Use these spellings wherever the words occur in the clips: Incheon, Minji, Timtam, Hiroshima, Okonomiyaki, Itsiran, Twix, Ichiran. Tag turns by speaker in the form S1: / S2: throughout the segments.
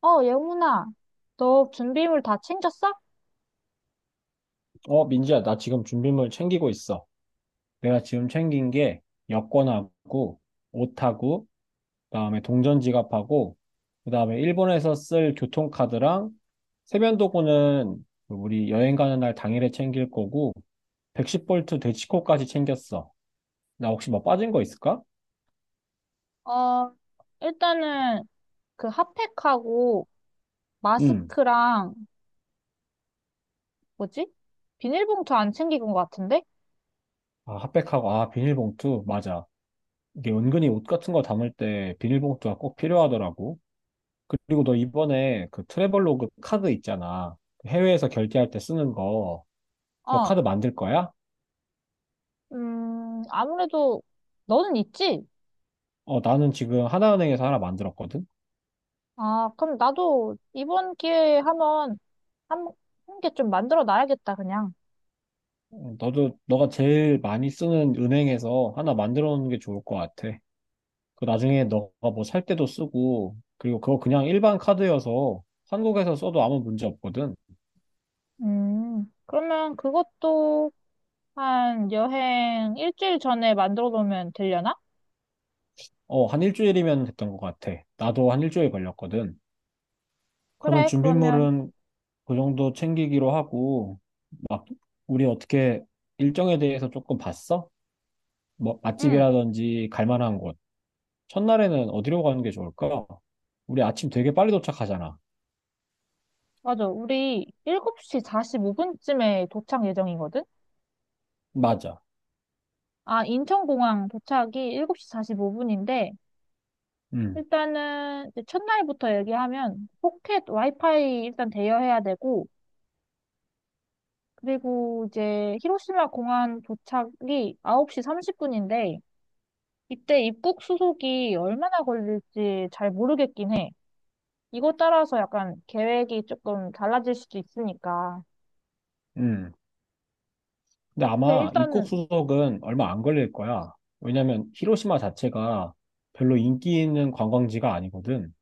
S1: 어, 예훈아, 너 준비물 다 챙겼어?
S2: 어, 민지야, 나 지금 준비물 챙기고 있어. 내가 지금 챙긴 게 여권하고 옷하고 그다음에 동전 지갑하고 그다음에 일본에서 쓸 교통카드랑 세면도구는 우리 여행 가는 날 당일에 챙길 거고 110볼트 대치코까지 챙겼어. 나 혹시 뭐 빠진 거 있을까?
S1: 어, 일단은 그 핫팩하고
S2: 응.
S1: 마스크랑 뭐지? 비닐봉투 안 챙긴 것 같은데?
S2: 아, 핫팩하고 아, 비닐봉투 맞아. 이게 은근히 옷 같은 거 담을 때 비닐봉투가 꼭 필요하더라고. 그리고 너 이번에 그 트래블로그 카드 있잖아. 그 해외에서 결제할 때 쓰는 거. 그거
S1: 어,
S2: 카드 만들 거야?
S1: 아무래도 너는 있지?
S2: 어, 나는 지금 하나은행에서 하나 만들었거든?
S1: 아, 그럼 나도 이번 기회에 한번 한, 게 좀 만들어 놔야겠다, 그냥.
S2: 어, 너도, 너가 제일 많이 쓰는 은행에서 하나 만들어 놓는 게 좋을 것 같아. 그 나중에 너가 뭐 살 때도 쓰고, 그리고 그거 그냥 일반 카드여서 한국에서 써도 아무 문제 없거든.
S1: 그러면 그것도 한 여행 일주일 전에 만들어 놓으면 되려나?
S2: 어, 한 일주일이면 됐던 것 같아. 나도 한 일주일 걸렸거든. 그러면
S1: 그래, 그러면.
S2: 준비물은 그 정도 챙기기로 하고, 막, 우리 어떻게 일정에 대해서 조금 봤어? 뭐,
S1: 응,
S2: 맛집이라든지 갈 만한 곳. 첫날에는 어디로 가는 게 좋을까? 우리 아침 되게 빨리 도착하잖아.
S1: 맞아. 우리 7시 45분쯤에 도착 예정이거든?
S2: 맞아.
S1: 아, 인천공항 도착이 7시 45분인데,
S2: 음,
S1: 일단은 이제 첫날부터 얘기하면 포켓 와이파이 일단 대여해야 되고, 그리고 이제 히로시마 공항 도착이 9시 30분인데, 이때 입국 수속이 얼마나 걸릴지 잘 모르겠긴 해. 이거 따라서 약간 계획이 조금 달라질 수도 있으니까.
S2: 음. 근데
S1: 근데
S2: 아마 입국
S1: 일단은,
S2: 수속은 얼마 안 걸릴 거야. 왜냐면 히로시마 자체가 별로 인기 있는 관광지가 아니거든.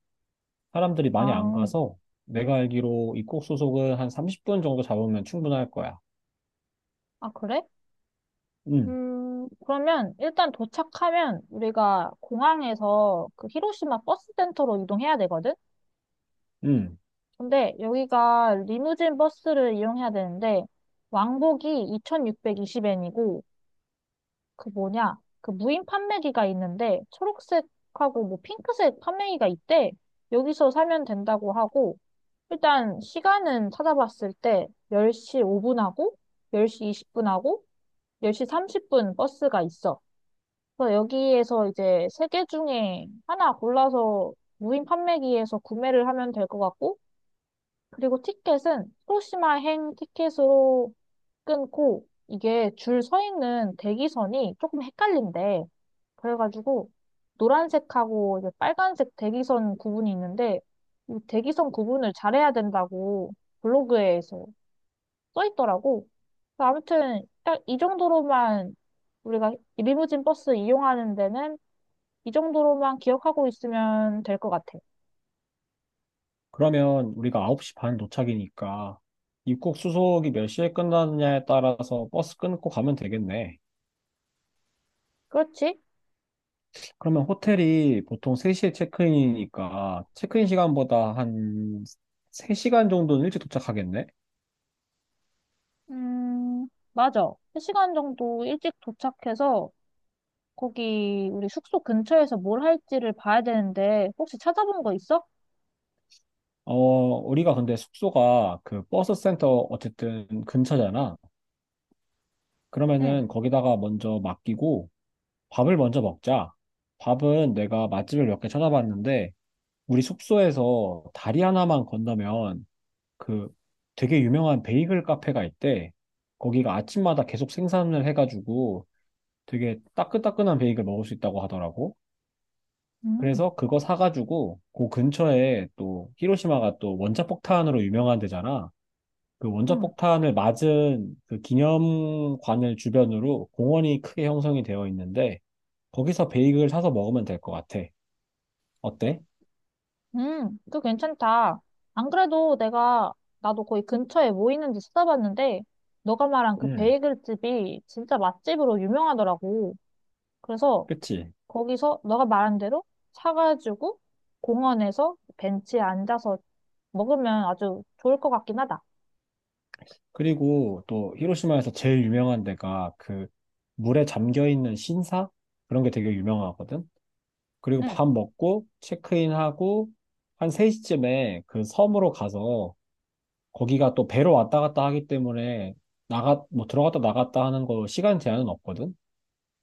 S2: 사람들이 많이 안
S1: 아,
S2: 가서 내가 알기로 입국 수속은 한 30분 정도 잡으면 충분할 거야.
S1: 아, 그래?
S2: 음,
S1: 그러면 일단 도착하면 우리가 공항에서 그 히로시마 버스 센터로 이동해야 되거든?
S2: 음.
S1: 근데 여기가 리무진 버스를 이용해야 되는데 왕복이 2620엔이고, 그 뭐냐? 그 무인 판매기가 있는데 초록색하고 뭐 핑크색 판매기가 있대. 여기서 사면 된다고 하고, 일단 시간은 찾아봤을 때 10시 5분하고 10시 20분하고 10시 30분 버스가 있어. 그래서 여기에서 이제 세 개 중에 하나 골라서 무인 판매기에서 구매를 하면 될 것 같고, 그리고 티켓은 히로시마행 티켓으로 끊고, 이게 줄 서 있는 대기선이 조금 헷갈린대. 그래가지고, 노란색하고 이제 빨간색 대기선 구분이 있는데, 이 대기선 구분을 잘해야 된다고 블로그에서 써 있더라고. 그래서 아무튼, 딱 이 정도로만, 우리가 리무진 버스 이용하는 데는 이 정도로만 기억하고 있으면 될 것 같아.
S2: 그러면 우리가 9시 반 도착이니까 입국 수속이 몇 시에 끝나느냐에 따라서 버스 끊고 가면 되겠네.
S1: 그렇지?
S2: 그러면 호텔이 보통 3시에 체크인이니까 체크인 시간보다 한 3시간 정도는 일찍 도착하겠네.
S1: 음, 맞아. 3시간 정도 일찍 도착해서 거기 우리 숙소 근처에서 뭘 할지를 봐야 되는데 혹시 찾아본 거 있어?
S2: 어, 우리가 근데 숙소가 그 버스 센터 어쨌든 근처잖아.
S1: 응,
S2: 그러면은 거기다가 먼저 맡기고 밥을 먼저 먹자. 밥은 내가 맛집을 몇 개 찾아봤는데 우리 숙소에서 다리 하나만 건너면 그 되게 유명한 베이글 카페가 있대. 거기가 아침마다 계속 생산을 해가지고 되게 따끈따끈한 베이글 먹을 수 있다고 하더라고.
S1: 음,
S2: 그래서 그거 사가지고 그 근처에 또 히로시마가 또 원자폭탄으로 유명한 데잖아. 그
S1: 음,
S2: 원자폭탄을 맞은 그 기념관을 주변으로 공원이 크게 형성이 되어 있는데 거기서 베이글 사서 먹으면 될 것 같아. 어때?
S1: 그거 괜찮다. 안 그래도 나도 거기 근처에 뭐 있는지 찾아봤는데, 너가 말한 그
S2: 음,
S1: 베이글 집이 진짜 맛집으로 유명하더라고. 그래서
S2: 그치?
S1: 거기서 너가 말한 대로 사가지고 공원에서 벤치에 앉아서 먹으면 아주 좋을 것 같긴 하다.
S2: 그리고 또 히로시마에서 제일 유명한 데가 그 물에 잠겨 있는 신사? 그런 게 되게 유명하거든. 그리고
S1: 응.
S2: 밥 먹고 체크인하고 한 3시쯤에 그 섬으로 가서 거기가 또 배로 왔다 갔다 하기 때문에 나가 뭐 들어갔다 나갔다 하는 거 시간 제한은 없거든.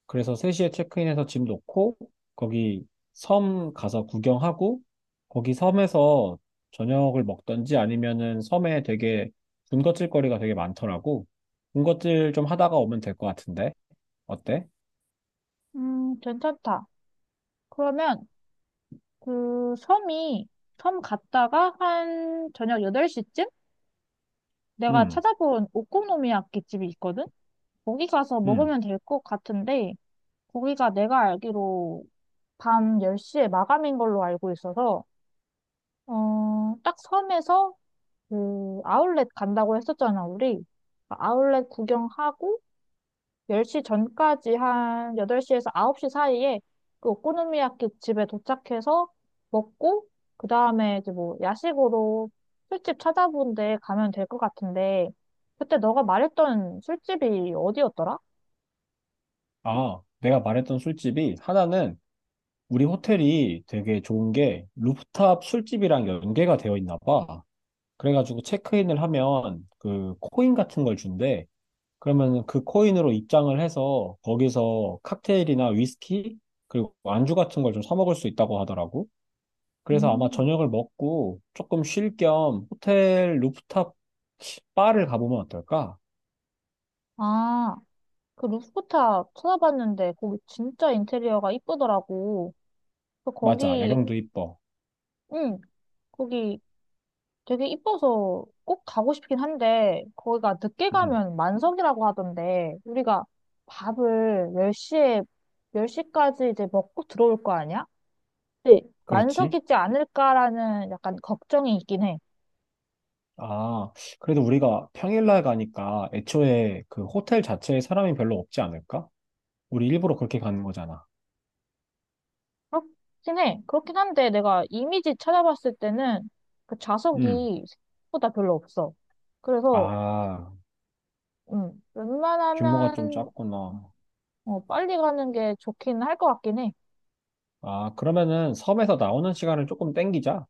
S2: 그래서 3시에 체크인해서 짐 놓고 거기 섬 가서 구경하고 거기 섬에서 저녁을 먹던지 아니면은 섬에 되게 군것질 거리가 되게 많더라고. 군것질 좀 하다가 오면 될 것 같은데. 어때?
S1: 괜찮다. 그러면 그 섬이 섬 갔다가 한 저녁 8시쯤 내가
S2: 음,
S1: 찾아본 오코노미야끼 집이 있거든? 거기 가서
S2: 음.
S1: 먹으면 될 것 같은데, 거기가 내가 알기로 밤 10시에 마감인 걸로 알고 있어서 딱, 섬에서 그 아울렛 간다고 했었잖아, 우리. 그 아울렛 구경하고 10시 전까지 한 8시에서 9시 사이에 그 오코노미야키 집에 도착해서 먹고, 그 다음에 이제 뭐 야식으로 술집 찾아본 데 가면 될 것 같은데, 그때 너가 말했던 술집이 어디였더라?
S2: 아, 내가 말했던 술집이 하나는 우리 호텔이 되게 좋은 게 루프탑 술집이랑 연계가 되어 있나 봐. 그래가지고 체크인을 하면 그 코인 같은 걸 준대. 그러면 그 코인으로 입장을 해서 거기서 칵테일이나 위스키 그리고 안주 같은 걸 좀 사 먹을 수 있다고 하더라고. 그래서 아마
S1: 음.
S2: 저녁을 먹고 조금 쉴 겸 호텔 루프탑 바를 가보면 어떨까?
S1: 아, 그 루프탑 찾아봤는데, 거기 진짜 인테리어가 이쁘더라고. 그
S2: 맞아,
S1: 거기,
S2: 야경도 이뻐.
S1: 응, 거기 되게 이뻐서 꼭 가고 싶긴 한데, 거기가 늦게
S2: 음,
S1: 가면 만석이라고 하던데, 우리가 밥을 10시에, 열 시까지 이제 먹고 들어올 거 아니야? 근데
S2: 그렇지.
S1: 만석이지 않을까라는 약간 걱정이 있긴 해.
S2: 아, 그래도 우리가 평일날 가니까 애초에 그 호텔 자체에 사람이 별로 없지 않을까? 우리 일부러 그렇게 가는 거잖아.
S1: 그렇긴 해. 그렇긴 한데, 내가 이미지 찾아봤을 때는 그
S2: 음,
S1: 좌석이 생각보다 별로 없어. 그래서,
S2: 아, 규모가 좀
S1: 웬만하면,
S2: 작구나.
S1: 빨리 가는 게 좋긴 할 것 같긴 해.
S2: 아, 그러면은 섬에서 나오는 시간을 조금 땡기자.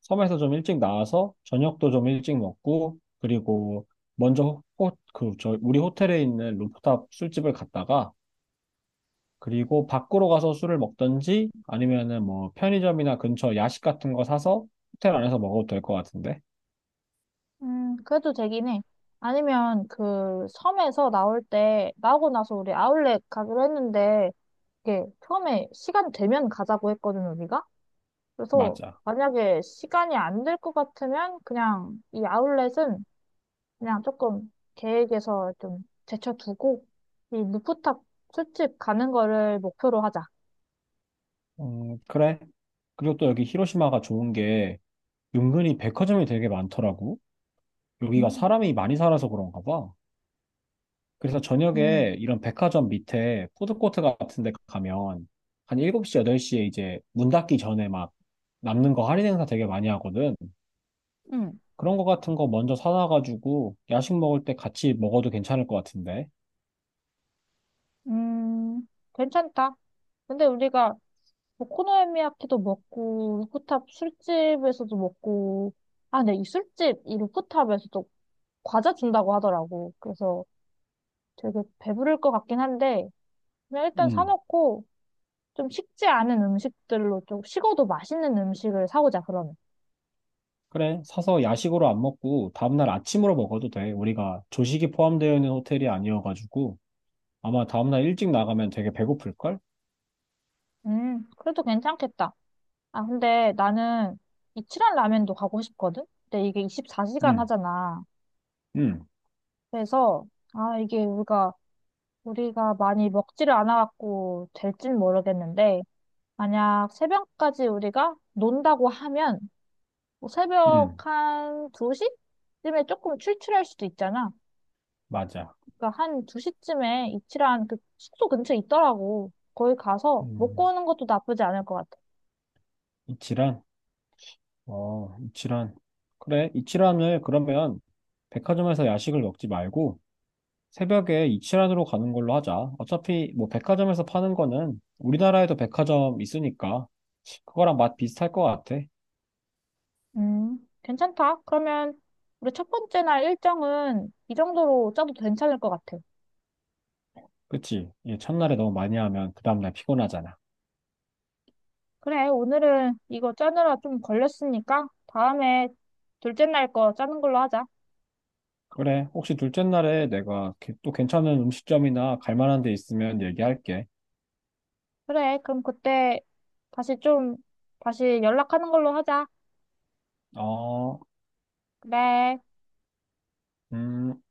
S2: 섬에서 좀 일찍 나와서 저녁도 좀 일찍 먹고, 그리고 먼저 호, 그, 저, 우리 호텔에 있는 루프탑 술집을 갔다가, 그리고 밖으로 가서 술을 먹든지, 아니면은 뭐 편의점이나 근처 야식 같은 거 사서 호텔 안에서 먹어도 될 것 같은데?
S1: 그래도 되긴 해. 아니면 그 섬에서 나올 때, 나오고 나서 우리 아울렛 가기로 했는데, 이게 처음에 시간 되면 가자고 했거든, 우리가. 그래서
S2: 맞아.
S1: 만약에 시간이 안 될 것 같으면 그냥 이 아울렛은 그냥 조금 계획에서 좀 제쳐두고, 이 루프탑 술집 가는 거를 목표로 하자.
S2: 그래. 그리고 또 여기 히로시마가 좋은 게 은근히 백화점이 되게 많더라고. 여기가
S1: 음,
S2: 사람이 많이 살아서 그런가 봐. 그래서
S1: 음,
S2: 저녁에 이런 백화점 밑에 푸드코트 같은 데 가면 한 7시, 8시에 이제 문 닫기 전에 막 남는 거 할인 행사 되게 많이 하거든.
S1: 응.
S2: 그런 거 같은 거 먼저 사놔가지고 야식 먹을 때 같이 먹어도 괜찮을 것 같은데.
S1: 음, 괜찮다. 근데 우리가 오코노미야키도 먹고 루프탑 술집에서도 먹고, 아, 근데 이 루프탑에서도 과자 준다고 하더라고. 그래서 되게 배부를 것 같긴 한데, 그냥 일단
S2: 음.
S1: 사놓고, 좀 식지 않은 음식들로, 좀 식어도 맛있는 음식을 사오자, 그러면.
S2: 그래. 사서 야식으로 안 먹고 다음날 아침으로 먹어도 돼. 우리가 조식이 포함되어 있는 호텔이 아니어가지고 아마 다음날 일찍 나가면 되게 배고플걸?
S1: 그래도 괜찮겠다. 아, 근데 나는 이치란 라면도 가고 싶거든. 근데 이게 24시간
S2: 음,
S1: 하잖아.
S2: 음,
S1: 그래서 아, 이게 우리가 많이 먹지를 않아갖고 될진 모르겠는데, 만약 새벽까지 우리가 논다고 하면 뭐 새벽
S2: 음.
S1: 한 2시쯤에 조금 출출할 수도 있잖아.
S2: 맞아.
S1: 그러니까 한 2시쯤에 이치란 그 숙소 근처에 있더라고. 거기 가서 먹고
S2: 음.
S1: 오는 것도 나쁘지 않을 것 같아.
S2: 이치란? 어, 이치란. 그래, 이치란을 그러면 백화점에서 야식을 먹지 말고 새벽에 이치란으로 가는 걸로 하자. 어차피 뭐 백화점에서 파는 거는 우리나라에도 백화점 있으니까 그거랑 맛 비슷할 것 같아.
S1: 괜찮다. 그러면 우리 첫 번째 날 일정은 이 정도로 짜도 괜찮을 것 같아.
S2: 그치? 예, 첫날에 너무 많이 하면 그 다음날 피곤하잖아.
S1: 그래, 오늘은 이거 짜느라 좀 걸렸으니까 다음에 둘째 날 거 짜는 걸로 하자.
S2: 그래, 혹시 둘째 날에 내가 또 괜찮은 음식점이나 갈 만한 데 있으면 얘기할게.
S1: 그래, 그럼 그때 다시 좀, 다시 연락하는 걸로 하자.
S2: 어,
S1: 그래.
S2: 음,